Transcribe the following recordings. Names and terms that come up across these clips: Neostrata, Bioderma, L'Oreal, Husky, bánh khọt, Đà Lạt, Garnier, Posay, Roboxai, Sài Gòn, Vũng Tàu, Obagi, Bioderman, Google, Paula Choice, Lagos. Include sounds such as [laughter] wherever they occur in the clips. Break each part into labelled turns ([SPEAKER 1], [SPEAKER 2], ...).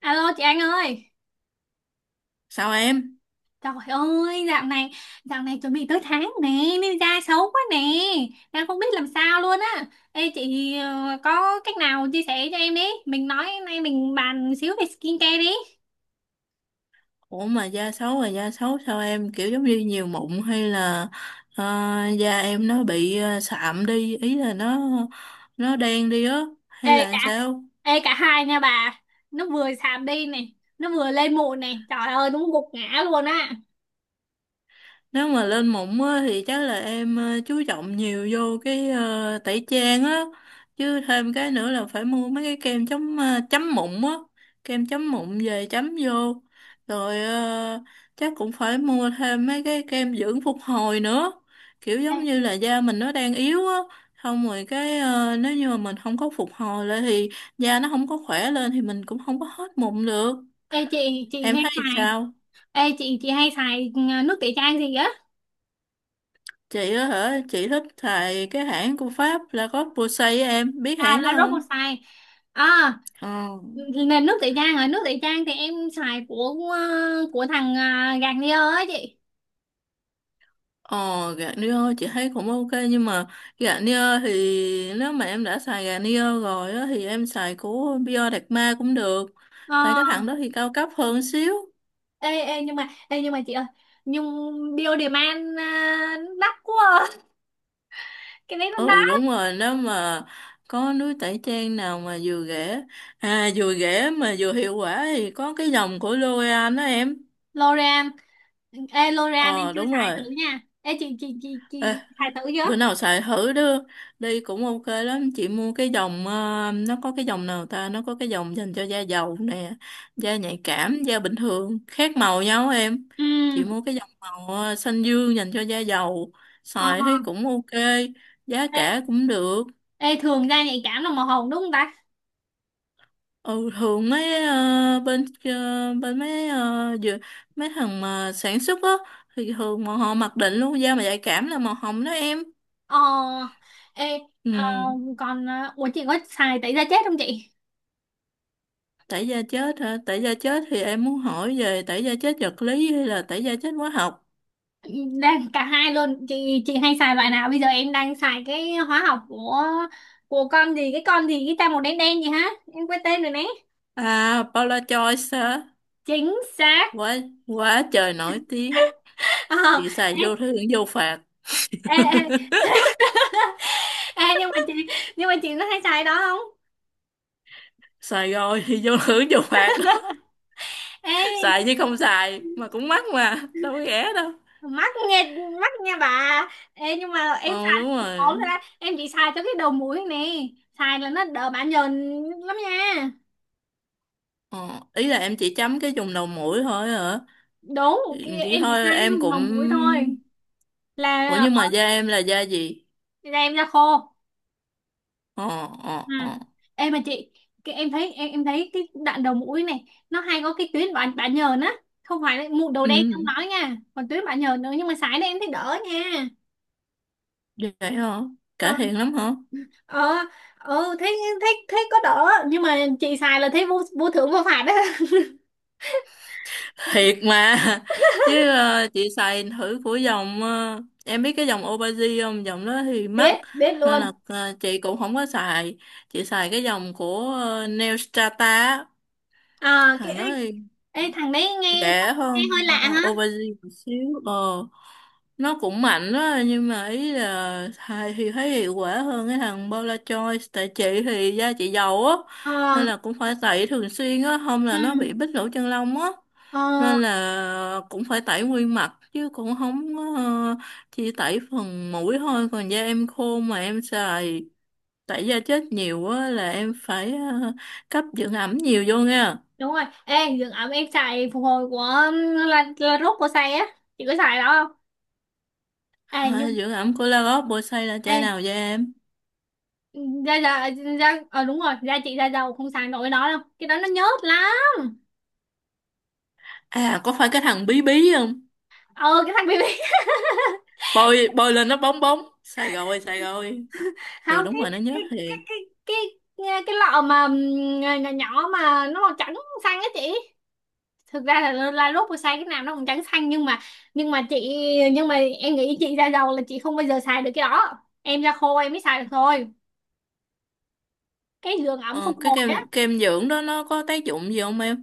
[SPEAKER 1] Alo chị Anh ơi.
[SPEAKER 2] Sao em?
[SPEAKER 1] Trời ơi dạo này, dạo này chuẩn bị tới tháng nè, nên da xấu quá nè. Đang không biết làm sao luôn á. Ê chị có cách nào chia sẻ cho em đi. Mình nói nay mình bàn xíu về skincare đi.
[SPEAKER 2] Ủa mà da xấu là da xấu sao em, kiểu giống như nhiều mụn hay là ờ, da em nó bị sạm đi, ý là nó đen đi á, hay
[SPEAKER 1] Ê cả,
[SPEAKER 2] là sao?
[SPEAKER 1] ê, cả hai nha bà. Nó vừa sạm đi này, nó vừa lên mụn này. Trời ơi đúng gục ngã luôn á.
[SPEAKER 2] Nếu mà lên mụn á, thì chắc là em chú trọng nhiều vô cái tẩy trang á. Chứ thêm cái nữa là phải mua mấy cái kem chống chấm mụn á. Kem chấm mụn về chấm vô. Rồi chắc cũng phải mua thêm mấy cái kem dưỡng phục hồi nữa. Kiểu
[SPEAKER 1] Ê
[SPEAKER 2] giống như là da mình nó đang yếu á. Xong rồi cái nếu như mà mình không có phục hồi lại thì da nó không có khỏe lên thì mình cũng không có hết mụn được.
[SPEAKER 1] ê, chị
[SPEAKER 2] Em
[SPEAKER 1] hay
[SPEAKER 2] thấy
[SPEAKER 1] xài.
[SPEAKER 2] sao?
[SPEAKER 1] Ê chị hay xài nước tẩy chay gì á.
[SPEAKER 2] Chị á hả? Chị thích xài cái hãng của Pháp là có Posay á em. Biết
[SPEAKER 1] À
[SPEAKER 2] hãng đó
[SPEAKER 1] là
[SPEAKER 2] không?
[SPEAKER 1] Roboxai. À
[SPEAKER 2] Ờ.
[SPEAKER 1] là nước tẩy trang, à nước tẩy trang thì em xài của của thằng à, gạt đi á chị.
[SPEAKER 2] Ờ, Garnier chị thấy cũng ok, nhưng mà Garnier thì nếu mà em đã xài Garnier rồi á thì em xài của Bioderma cũng được.
[SPEAKER 1] Ờ,
[SPEAKER 2] Tại cái thằng đó thì cao cấp hơn xíu.
[SPEAKER 1] ê, ê nhưng mà chị ơi, nhưng Bioderman à, đắt quá à. [laughs] Cái đấy nó
[SPEAKER 2] Ừ
[SPEAKER 1] đắt.
[SPEAKER 2] đúng rồi, nếu mà có núi tẩy trang nào mà vừa rẻ, à vừa rẻ mà vừa hiệu quả thì có cái dòng của L'Oreal đó em.
[SPEAKER 1] L'Oreal, ê L'Oreal em
[SPEAKER 2] Ờ
[SPEAKER 1] chưa
[SPEAKER 2] đúng
[SPEAKER 1] xài thử
[SPEAKER 2] rồi.
[SPEAKER 1] nha. Ê chị, chị
[SPEAKER 2] Ê,
[SPEAKER 1] xài thử chưa?
[SPEAKER 2] bữa nào xài thử đó đi cũng ok lắm. Chị mua cái dòng nó có cái dòng nào ta, nó có cái dòng dành cho da dầu nè, da nhạy cảm, da bình thường khác màu nhau em.
[SPEAKER 1] Ừ,
[SPEAKER 2] Chị mua cái dòng màu xanh dương dành cho da dầu,
[SPEAKER 1] ờ,
[SPEAKER 2] xài thấy cũng ok, giá cả
[SPEAKER 1] ê,
[SPEAKER 2] cũng được.
[SPEAKER 1] ê thường da nhạy cảm là màu hồng đúng không ta?
[SPEAKER 2] Ừ, thường mấy bên mấy mấy thằng mà sản xuất á thì thường mà họ mặc định luôn da mà nhạy cảm là màu hồng đó em.
[SPEAKER 1] Ờ, ê,
[SPEAKER 2] Ừ.
[SPEAKER 1] ờ, còn à, ủa chị có xài tẩy da chết không chị?
[SPEAKER 2] Tẩy da chết hả? Tẩy da chết thì em muốn hỏi về tẩy da chết vật lý hay là tẩy da chết hóa học?
[SPEAKER 1] Đang cả hai luôn chị hay xài loại nào? Bây giờ em đang xài cái hóa học của con gì, cái con gì cái ta, màu đen đen gì hả, em quên tên rồi nè.
[SPEAKER 2] À, Paula Joyce hả?
[SPEAKER 1] Chính xác.
[SPEAKER 2] Quá, quá trời nổi tiếng.
[SPEAKER 1] [laughs] Ờ,
[SPEAKER 2] Chị xài vô thứ hưởng vô phạt.
[SPEAKER 1] ê, ê, ê, [laughs] ê, nhưng mà chị, nhưng mà chị nó hay xài đó không?
[SPEAKER 2] Xài rồi thì vô [laughs] hưởng vô phạt đó. [laughs]
[SPEAKER 1] Ê,
[SPEAKER 2] Xài chứ không xài. Mà cũng mắc mà. Đâu có rẻ đâu.
[SPEAKER 1] mắc nghe, mắc nha bà. Ê nhưng mà em
[SPEAKER 2] Ờ đúng
[SPEAKER 1] xài cũng ổn
[SPEAKER 2] rồi.
[SPEAKER 1] rồi đó, em chỉ xài cho cái đầu mũi nè, xài là nó đỡ bã nhờn lắm nha.
[SPEAKER 2] Ờ, Ý là em chỉ chấm cái vùng đầu mũi thôi hả?
[SPEAKER 1] Đúng,
[SPEAKER 2] Vậy
[SPEAKER 1] em chỉ xài
[SPEAKER 2] thôi
[SPEAKER 1] cái
[SPEAKER 2] em cũng...
[SPEAKER 1] đầu mũi thôi, là
[SPEAKER 2] Ủa nhưng mà da em là da gì?
[SPEAKER 1] da em ra khô.
[SPEAKER 2] Ờ, ờ,
[SPEAKER 1] Ừ.
[SPEAKER 2] ờ.
[SPEAKER 1] Em mà chị, cái em thấy, em thấy cái đoạn đầu mũi này nó hay có cái tuyến bã bã nhờn á, không phải là mụn đầu đen
[SPEAKER 2] Ừ,
[SPEAKER 1] không nói nha, còn tuyến bã nhờn nữa, nhưng mà sải này em thấy đỡ nha.
[SPEAKER 2] vậy hả?
[SPEAKER 1] Ờ,
[SPEAKER 2] Cải thiện lắm hả?
[SPEAKER 1] ờ, ừ, thấy thấy thấy có đỡ, nhưng mà chị xài là thấy vô vô thưởng vô phạt đó. [laughs]
[SPEAKER 2] Thiệt mà. Chứ chị xài thử của dòng em biết cái dòng Obagi không? Dòng đó thì mắc,
[SPEAKER 1] Biết, biết
[SPEAKER 2] nên
[SPEAKER 1] luôn.
[SPEAKER 2] là chị cũng không có xài. Chị xài cái dòng của Neostrata á.
[SPEAKER 1] Ờ cái
[SPEAKER 2] Thằng
[SPEAKER 1] ê,
[SPEAKER 2] đó thì
[SPEAKER 1] ê, thằng đấy nghe,
[SPEAKER 2] rẻ
[SPEAKER 1] nghe hơi
[SPEAKER 2] hơn
[SPEAKER 1] lạ hả.
[SPEAKER 2] aubergine một xíu. Ờ nó cũng mạnh đó, nhưng mà ý là thầy thì thấy hiệu quả hơn cái thằng Paula Choice. Tại chị thì da chị dầu á,
[SPEAKER 1] Ờ,
[SPEAKER 2] nên là cũng phải tẩy thường xuyên á, không
[SPEAKER 1] ừ,
[SPEAKER 2] là nó bị bít lỗ chân lông á,
[SPEAKER 1] ờ
[SPEAKER 2] nên là cũng phải tẩy nguyên mặt chứ cũng không có, chỉ tẩy phần mũi thôi. Còn da em khô mà em xài tẩy da chết nhiều á là em phải cấp dưỡng ẩm nhiều vô nha.
[SPEAKER 1] đúng rồi. Ê dưỡng ẩm em xài phục hồi của, là rốt của xài á, chị có xài đó không? Ê nhưng,
[SPEAKER 2] Thôi, dưỡng ẩm của Lagos bôi xay là
[SPEAKER 1] ê
[SPEAKER 2] chai nào vậy em?
[SPEAKER 1] da da, da ờ đúng rồi, da chị da dầu không xài nổi nó đâu, cái đó nó nhớt lắm.
[SPEAKER 2] À, có phải cái thằng bí bí không?
[SPEAKER 1] Ờ cái thằng BB. [laughs]
[SPEAKER 2] Bôi bôi lên nó bóng bóng. Xài rồi, xài rồi. Ừ,
[SPEAKER 1] Không,
[SPEAKER 2] đúng rồi, nó nhớ
[SPEAKER 1] cái cái
[SPEAKER 2] thiệt.
[SPEAKER 1] cái cái cái lọ mà nhỏ nhỏ mà nó màu trắng xanh á chị. Thực ra là lúc mà xài cái nào nó cũng trắng xanh, nhưng mà, nhưng mà chị, nhưng mà em nghĩ chị da dầu là chị không bao giờ xài được cái đó, em da khô em mới xài được thôi, cái giường ẩm phục
[SPEAKER 2] Ờ, cái
[SPEAKER 1] hồi.
[SPEAKER 2] kem kem dưỡng đó nó có tác dụng gì không em?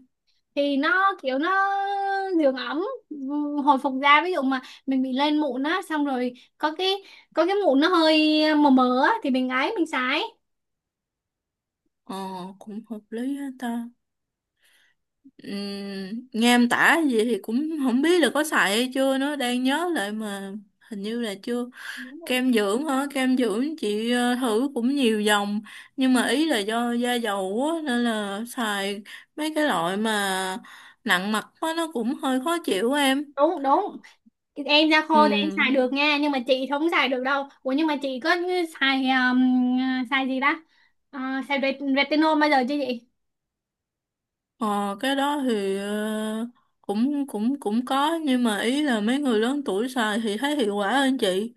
[SPEAKER 1] Thì nó kiểu nó dưỡng ẩm, ừ, hồi phục da. Ví dụ mà mình bị lên mụn á, xong rồi có cái, có cái mụn nó hơi mờ mờ á thì mình ấy mình sái.
[SPEAKER 2] Ờ, cũng hợp lý hết ta. Nghe em tả gì thì cũng không biết là có xài hay chưa nữa. Đang nhớ lại mà hình như là chưa. Kem dưỡng hả? Kem dưỡng chị thử cũng nhiều dòng, nhưng mà ý là do da dầu á nên là xài mấy cái loại mà nặng mặt quá nó cũng hơi khó chịu em.
[SPEAKER 1] Đúng đúng, em da
[SPEAKER 2] Ừ.
[SPEAKER 1] khô thì em xài được nha, nhưng mà chị không xài được đâu. Ủa nhưng mà chị có xài xài gì ta. Ờ, xài retinol bao giờ chưa chị?
[SPEAKER 2] ờ, cái đó thì cũng cũng cũng có, nhưng mà ý là mấy người lớn tuổi xài thì thấy hiệu quả hơn chị.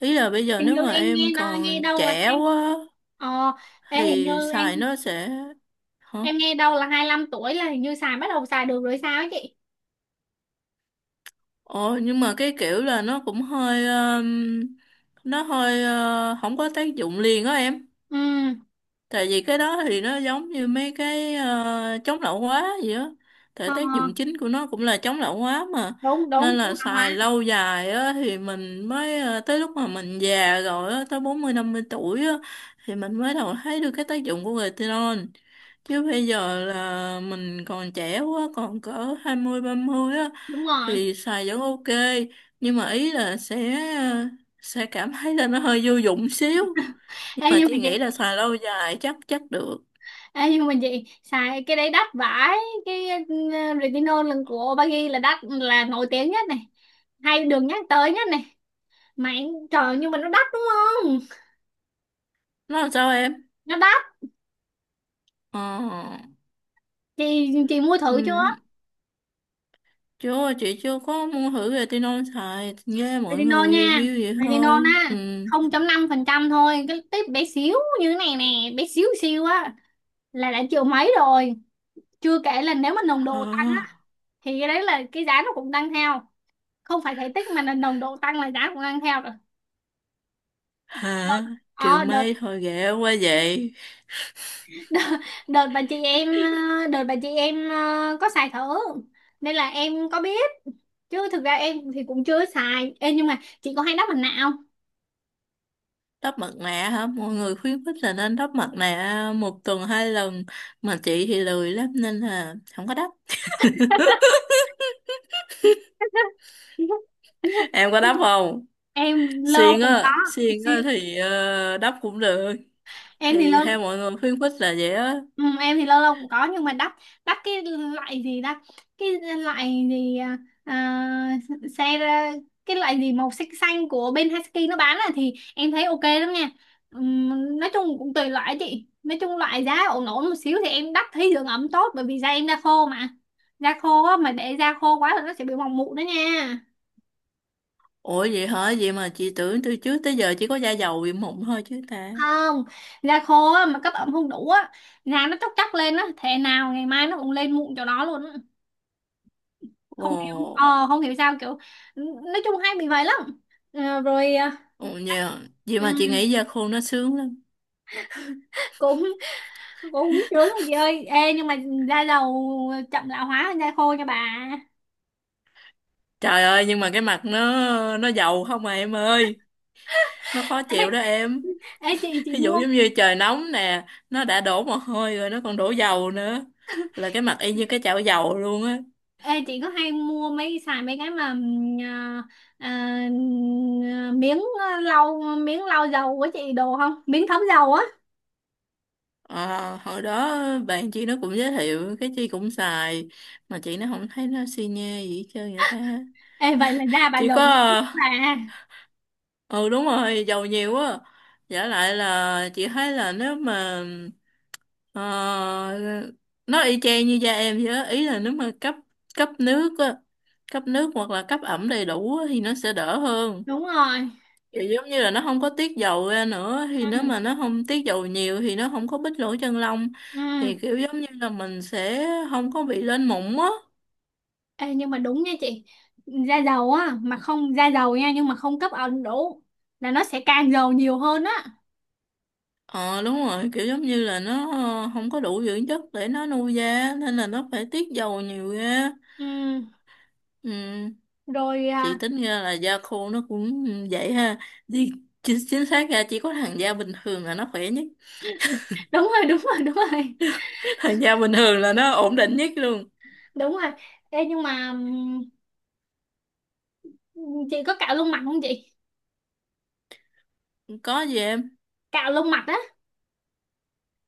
[SPEAKER 2] Ý là bây giờ
[SPEAKER 1] Hình
[SPEAKER 2] nếu
[SPEAKER 1] như
[SPEAKER 2] mà
[SPEAKER 1] em nghe
[SPEAKER 2] em
[SPEAKER 1] nó nghe
[SPEAKER 2] còn
[SPEAKER 1] đâu là
[SPEAKER 2] trẻ
[SPEAKER 1] hai,
[SPEAKER 2] quá
[SPEAKER 1] ờ, ê, hình như
[SPEAKER 2] thì
[SPEAKER 1] em
[SPEAKER 2] xài nó sẽ... Hả?
[SPEAKER 1] em nghe đâu là hai lăm tuổi là hình như xài bắt đầu xài được rồi sao ấy chị.
[SPEAKER 2] Ồ, nhưng mà cái kiểu là nó cũng hơi nó hơi không có tác dụng liền á em.
[SPEAKER 1] Ừ,
[SPEAKER 2] Tại vì cái đó thì nó giống như mấy cái chống lão hóa gì á, tại
[SPEAKER 1] ờ
[SPEAKER 2] tác dụng chính của nó cũng là chống lão hóa mà.
[SPEAKER 1] đúng đúng
[SPEAKER 2] Nên
[SPEAKER 1] đúng,
[SPEAKER 2] là
[SPEAKER 1] là hóa.
[SPEAKER 2] xài lâu dài á thì mình mới tới lúc mà mình già rồi á, tới 40-50 tuổi á thì mình mới đầu thấy được cái tác dụng của retinol. Chứ bây giờ là mình còn trẻ quá, còn cỡ 20-30 á
[SPEAKER 1] Đúng rồi,
[SPEAKER 2] thì xài vẫn ok, nhưng mà ý là sẽ sẽ cảm thấy là nó hơi vô dụng xíu. Nhưng
[SPEAKER 1] ê
[SPEAKER 2] mà
[SPEAKER 1] nhưng mà
[SPEAKER 2] chị
[SPEAKER 1] chị,
[SPEAKER 2] nghĩ là xài lâu dài chắc chắc được.
[SPEAKER 1] ê nhưng mà chị xài cái đấy đắt vãi, cái ừ, retinol lần của Obagi là đắt, là nổi tiếng nhất này, hay được nhắc tới nhất này. Mà trời, nhưng mà nó đắt đúng không,
[SPEAKER 2] Nó làm sao em?
[SPEAKER 1] nó đắt.
[SPEAKER 2] Ờ.
[SPEAKER 1] Chị mua thử chưa?
[SPEAKER 2] Ừ. Chưa, chị chưa có mua thử retinol, xài nghe mọi
[SPEAKER 1] Retinol
[SPEAKER 2] người
[SPEAKER 1] nha,
[SPEAKER 2] review vậy
[SPEAKER 1] retinol
[SPEAKER 2] thôi.
[SPEAKER 1] á,
[SPEAKER 2] Ừ.
[SPEAKER 1] không chấm năm phần trăm thôi, cái tip bé xíu như thế này nè, bé xíu xíu á, là đã triệu mấy rồi. Chưa kể là nếu mà nồng độ tăng
[SPEAKER 2] Hả?
[SPEAKER 1] á, thì cái đấy là cái giá nó cũng tăng theo, không phải thể tích mà là nồng độ tăng là giá cũng tăng theo rồi.
[SPEAKER 2] Hả?
[SPEAKER 1] Vâng.
[SPEAKER 2] Triệu
[SPEAKER 1] Ờ đợt,
[SPEAKER 2] mây thôi ghẻ quá vậy.
[SPEAKER 1] đợt, đợt bà chị em đợt bà chị em có xài thử nên là em có biết, chứ thực ra em thì cũng chưa xài. Ê, nhưng mà chị có hay đắp mặt nạ không?
[SPEAKER 2] Đắp mặt nạ hả? Mọi người khuyến khích là nên đắp mặt nạ 1 tuần 2 lần, mà chị thì lười lắm nên là không có đắp. [laughs]
[SPEAKER 1] [laughs]
[SPEAKER 2] Em có đắp không?
[SPEAKER 1] Em lơ
[SPEAKER 2] Xiên
[SPEAKER 1] cũng có,
[SPEAKER 2] á, xiên á thì đắp cũng được.
[SPEAKER 1] em thì lơ.
[SPEAKER 2] Thì theo mọi người khuyến khích là vậy á.
[SPEAKER 1] Ừ, em thì lâu lâu cũng có, nhưng mà đắt, đắt cái loại gì ta, cái loại gì à, à, xe, cái loại gì màu xanh xanh của bên Husky nó bán là thì em thấy ok lắm nha. Nói chung cũng tùy loại á chị, nói chung loại giá ổn ổn một xíu thì em đắt thấy dưỡng ẩm tốt, bởi vì da em da khô mà. Da khô á, mà để da khô quá là nó sẽ bị mỏng mụn đó nha.
[SPEAKER 2] Ủa vậy hả? Vậy mà chị tưởng từ trước tới giờ chỉ có da dầu bị mụn thôi chứ ta.
[SPEAKER 1] Không, da khô á, mà cấp ẩm không đủ á, da nó chóc chóc lên á, thế nào ngày mai nó cũng lên mụn cho nó luôn á. Không hiểu
[SPEAKER 2] Ồ.
[SPEAKER 1] không hiểu sao kiểu, nói chung hay bị vậy lắm. Ờ, rồi
[SPEAKER 2] Ồ nhờ, vậy mà chị
[SPEAKER 1] ừ,
[SPEAKER 2] nghĩ da khô nó sướng lắm.
[SPEAKER 1] [laughs] cũng, cũng sướng rồi chị ơi. Ê nhưng mà da dầu chậm lão hóa hơn da khô nha bà. [laughs]
[SPEAKER 2] Trời ơi, nhưng mà cái mặt nó dầu không à em ơi, nó khó
[SPEAKER 1] Ê,
[SPEAKER 2] chịu đó em.
[SPEAKER 1] ê chị
[SPEAKER 2] Ví
[SPEAKER 1] mua,
[SPEAKER 2] dụ giống như trời nóng nè, nó đã đổ mồ hôi rồi nó còn đổ dầu nữa, là cái mặt y như cái chảo dầu luôn á.
[SPEAKER 1] ê chị có hay mua mấy xài mấy cái mà ờ, ờ, miếng lau, miếng lau dầu của chị đồ không, miếng thấm dầu á?
[SPEAKER 2] Ờ, hồi đó bạn chị nó cũng giới thiệu cái chị cũng xài, mà chị nó không thấy nó xi nhê gì hết trơn vậy ta.
[SPEAKER 1] Ê vậy là da bà
[SPEAKER 2] Chỉ có
[SPEAKER 1] dầu bà.
[SPEAKER 2] ờ, ừ đúng rồi, dầu nhiều quá. Giả lại là chị thấy là nếu mà ờ, nó y chang như da em vậy đó. Ý là nếu mà cấp cấp nước á, cấp nước hoặc là cấp ẩm đầy đủ á, thì nó sẽ đỡ hơn.
[SPEAKER 1] Đúng rồi,
[SPEAKER 2] Kiểu giống như là nó không có tiết dầu ra nữa, thì nếu
[SPEAKER 1] ừ,
[SPEAKER 2] mà nó không tiết dầu nhiều thì nó không có bít lỗ chân lông,
[SPEAKER 1] ừ.
[SPEAKER 2] thì kiểu giống như là mình sẽ không có bị lên mụn á.
[SPEAKER 1] Ê, nhưng mà đúng nha chị, da dầu á mà không, da dầu nha nhưng mà không cấp ẩm đủ là nó sẽ càng dầu nhiều hơn á.
[SPEAKER 2] Ờ đúng rồi, kiểu giống như là nó không có đủ dưỡng chất để nó nuôi da nên là nó phải tiết dầu nhiều ra.
[SPEAKER 1] Ừ,
[SPEAKER 2] Ừ.
[SPEAKER 1] rồi
[SPEAKER 2] Chị
[SPEAKER 1] à,
[SPEAKER 2] tính ra là da khô nó cũng vậy ha. Thì chính xác ra chỉ có thằng da bình thường là nó khỏe nhất.
[SPEAKER 1] [laughs] đúng rồi, đúng rồi, đúng rồi,
[SPEAKER 2] [laughs] Thằng da bình thường là nó ổn định nhất luôn.
[SPEAKER 1] đúng rồi. Ê, nhưng mà, chị có cạo lông mặt không chị?
[SPEAKER 2] Có gì em?
[SPEAKER 1] Cạo lông mặt á.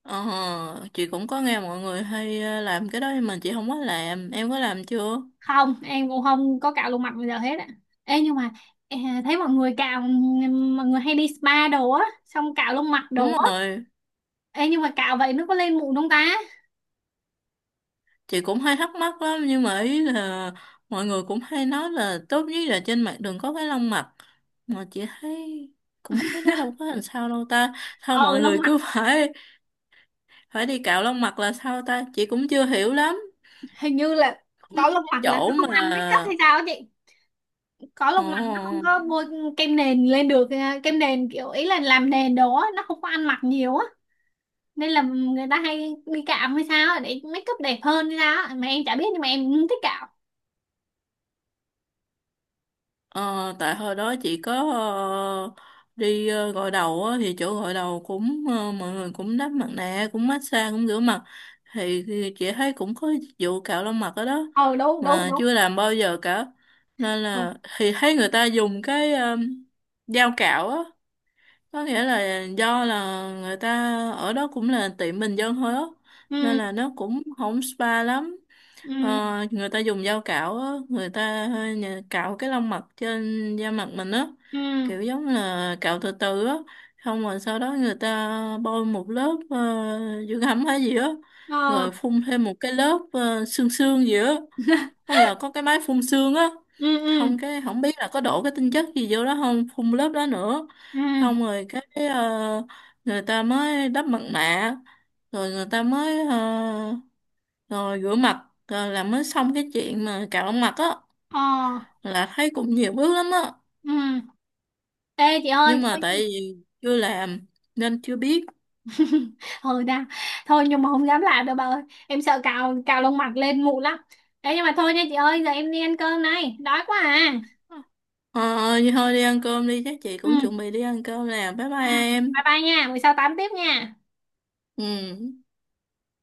[SPEAKER 2] Ờ, chị cũng có nghe mọi người hay làm cái đó nhưng mà chị không có làm. Em có làm chưa?
[SPEAKER 1] Không em cũng không có cạo lông mặt bây giờ hết á. Ê, nhưng mà à, thấy mọi người cạo, mọi người hay đi spa đồ á xong cạo lông mặt đồ
[SPEAKER 2] Đúng
[SPEAKER 1] á.
[SPEAKER 2] rồi,
[SPEAKER 1] Ê, nhưng mà cạo vậy nó có lên mụn không ta?
[SPEAKER 2] chị cũng hay thắc mắc lắm nhưng mà ý là mọi người cũng hay nói là tốt nhất là trên mặt đừng có cái lông mặt. Mà chị thấy cũng thấy nó đâu có làm sao đâu ta. Sao
[SPEAKER 1] Ờ
[SPEAKER 2] mọi
[SPEAKER 1] lông
[SPEAKER 2] người
[SPEAKER 1] mặt,
[SPEAKER 2] cứ [laughs] phải phải đi cạo lông mặt là sao ta? Chị cũng chưa hiểu lắm.
[SPEAKER 1] hình như là
[SPEAKER 2] Có mấy
[SPEAKER 1] có lông
[SPEAKER 2] cái
[SPEAKER 1] mặt là
[SPEAKER 2] chỗ
[SPEAKER 1] nó không ăn make up hay
[SPEAKER 2] mà...
[SPEAKER 1] sao á chị, có
[SPEAKER 2] ờ
[SPEAKER 1] lông mày nó không có bôi kem nền lên được, à, kem nền kiểu ý là làm nền đồ á nó không có ăn mặc nhiều á, nên là người ta hay đi cạo hay sao á, để make up đẹp hơn hay sao á. Mà em chả biết nhưng mà em cũng thích cạo.
[SPEAKER 2] Ờ, tại hồi đó chị có ờ, đi gội đầu á, thì chỗ gội đầu cũng mọi người cũng đắp mặt nạ, cũng massage, cũng rửa mặt. Thì chị thấy cũng có dịch vụ cạo lông mặt ở đó,
[SPEAKER 1] Ờ đúng đúng
[SPEAKER 2] mà
[SPEAKER 1] đúng.
[SPEAKER 2] chưa làm bao giờ cả, nên
[SPEAKER 1] Ừ,
[SPEAKER 2] là thì thấy người ta dùng cái dao cạo á. Có nghĩa là do là người ta ở đó cũng là tiệm bình dân thôi á, nên
[SPEAKER 1] ừ,
[SPEAKER 2] là nó cũng không spa lắm. Ờ,
[SPEAKER 1] ừ,
[SPEAKER 2] người ta dùng dao cạo á, người ta cạo cái lông mặt trên da mặt mình á,
[SPEAKER 1] ừ,
[SPEAKER 2] kiểu giống là cạo từ từ á, xong rồi sau đó người ta bôi một lớp dưỡng ẩm hay gì á,
[SPEAKER 1] ờ,
[SPEAKER 2] rồi phun thêm một cái lớp xương xương gì á, không giờ có cái máy phun xương á,
[SPEAKER 1] ừ, ừ,
[SPEAKER 2] không cái không biết là có đổ cái tinh chất gì vô đó không, phun lớp đó nữa,
[SPEAKER 1] ừ,
[SPEAKER 2] xong rồi cái người ta mới đắp mặt nạ, rồi người ta mới rồi rửa mặt là mới xong cái chuyện mà cạo mặt á,
[SPEAKER 1] ờ,
[SPEAKER 2] là thấy cũng nhiều bước lắm á.
[SPEAKER 1] ừ. Ê chị ơi
[SPEAKER 2] Nhưng mà
[SPEAKER 1] thôi.
[SPEAKER 2] tại vì chưa làm nên chưa biết.
[SPEAKER 1] [laughs] Ừ đã, thôi nhưng mà không dám làm đâu bà ơi, em sợ cạo cạo lông mặt lên mụn lắm đấy. Nhưng mà thôi nha chị ơi, giờ em đi ăn cơm này, đói quá à.
[SPEAKER 2] Ờ, vậy thôi đi ăn cơm đi, chắc chị cũng chuẩn
[SPEAKER 1] Ừ.
[SPEAKER 2] bị đi ăn cơm nè. Bye
[SPEAKER 1] Ừ,
[SPEAKER 2] bye
[SPEAKER 1] bye
[SPEAKER 2] em.
[SPEAKER 1] bye nha, buổi sau tám tiếp nha.
[SPEAKER 2] Ừ.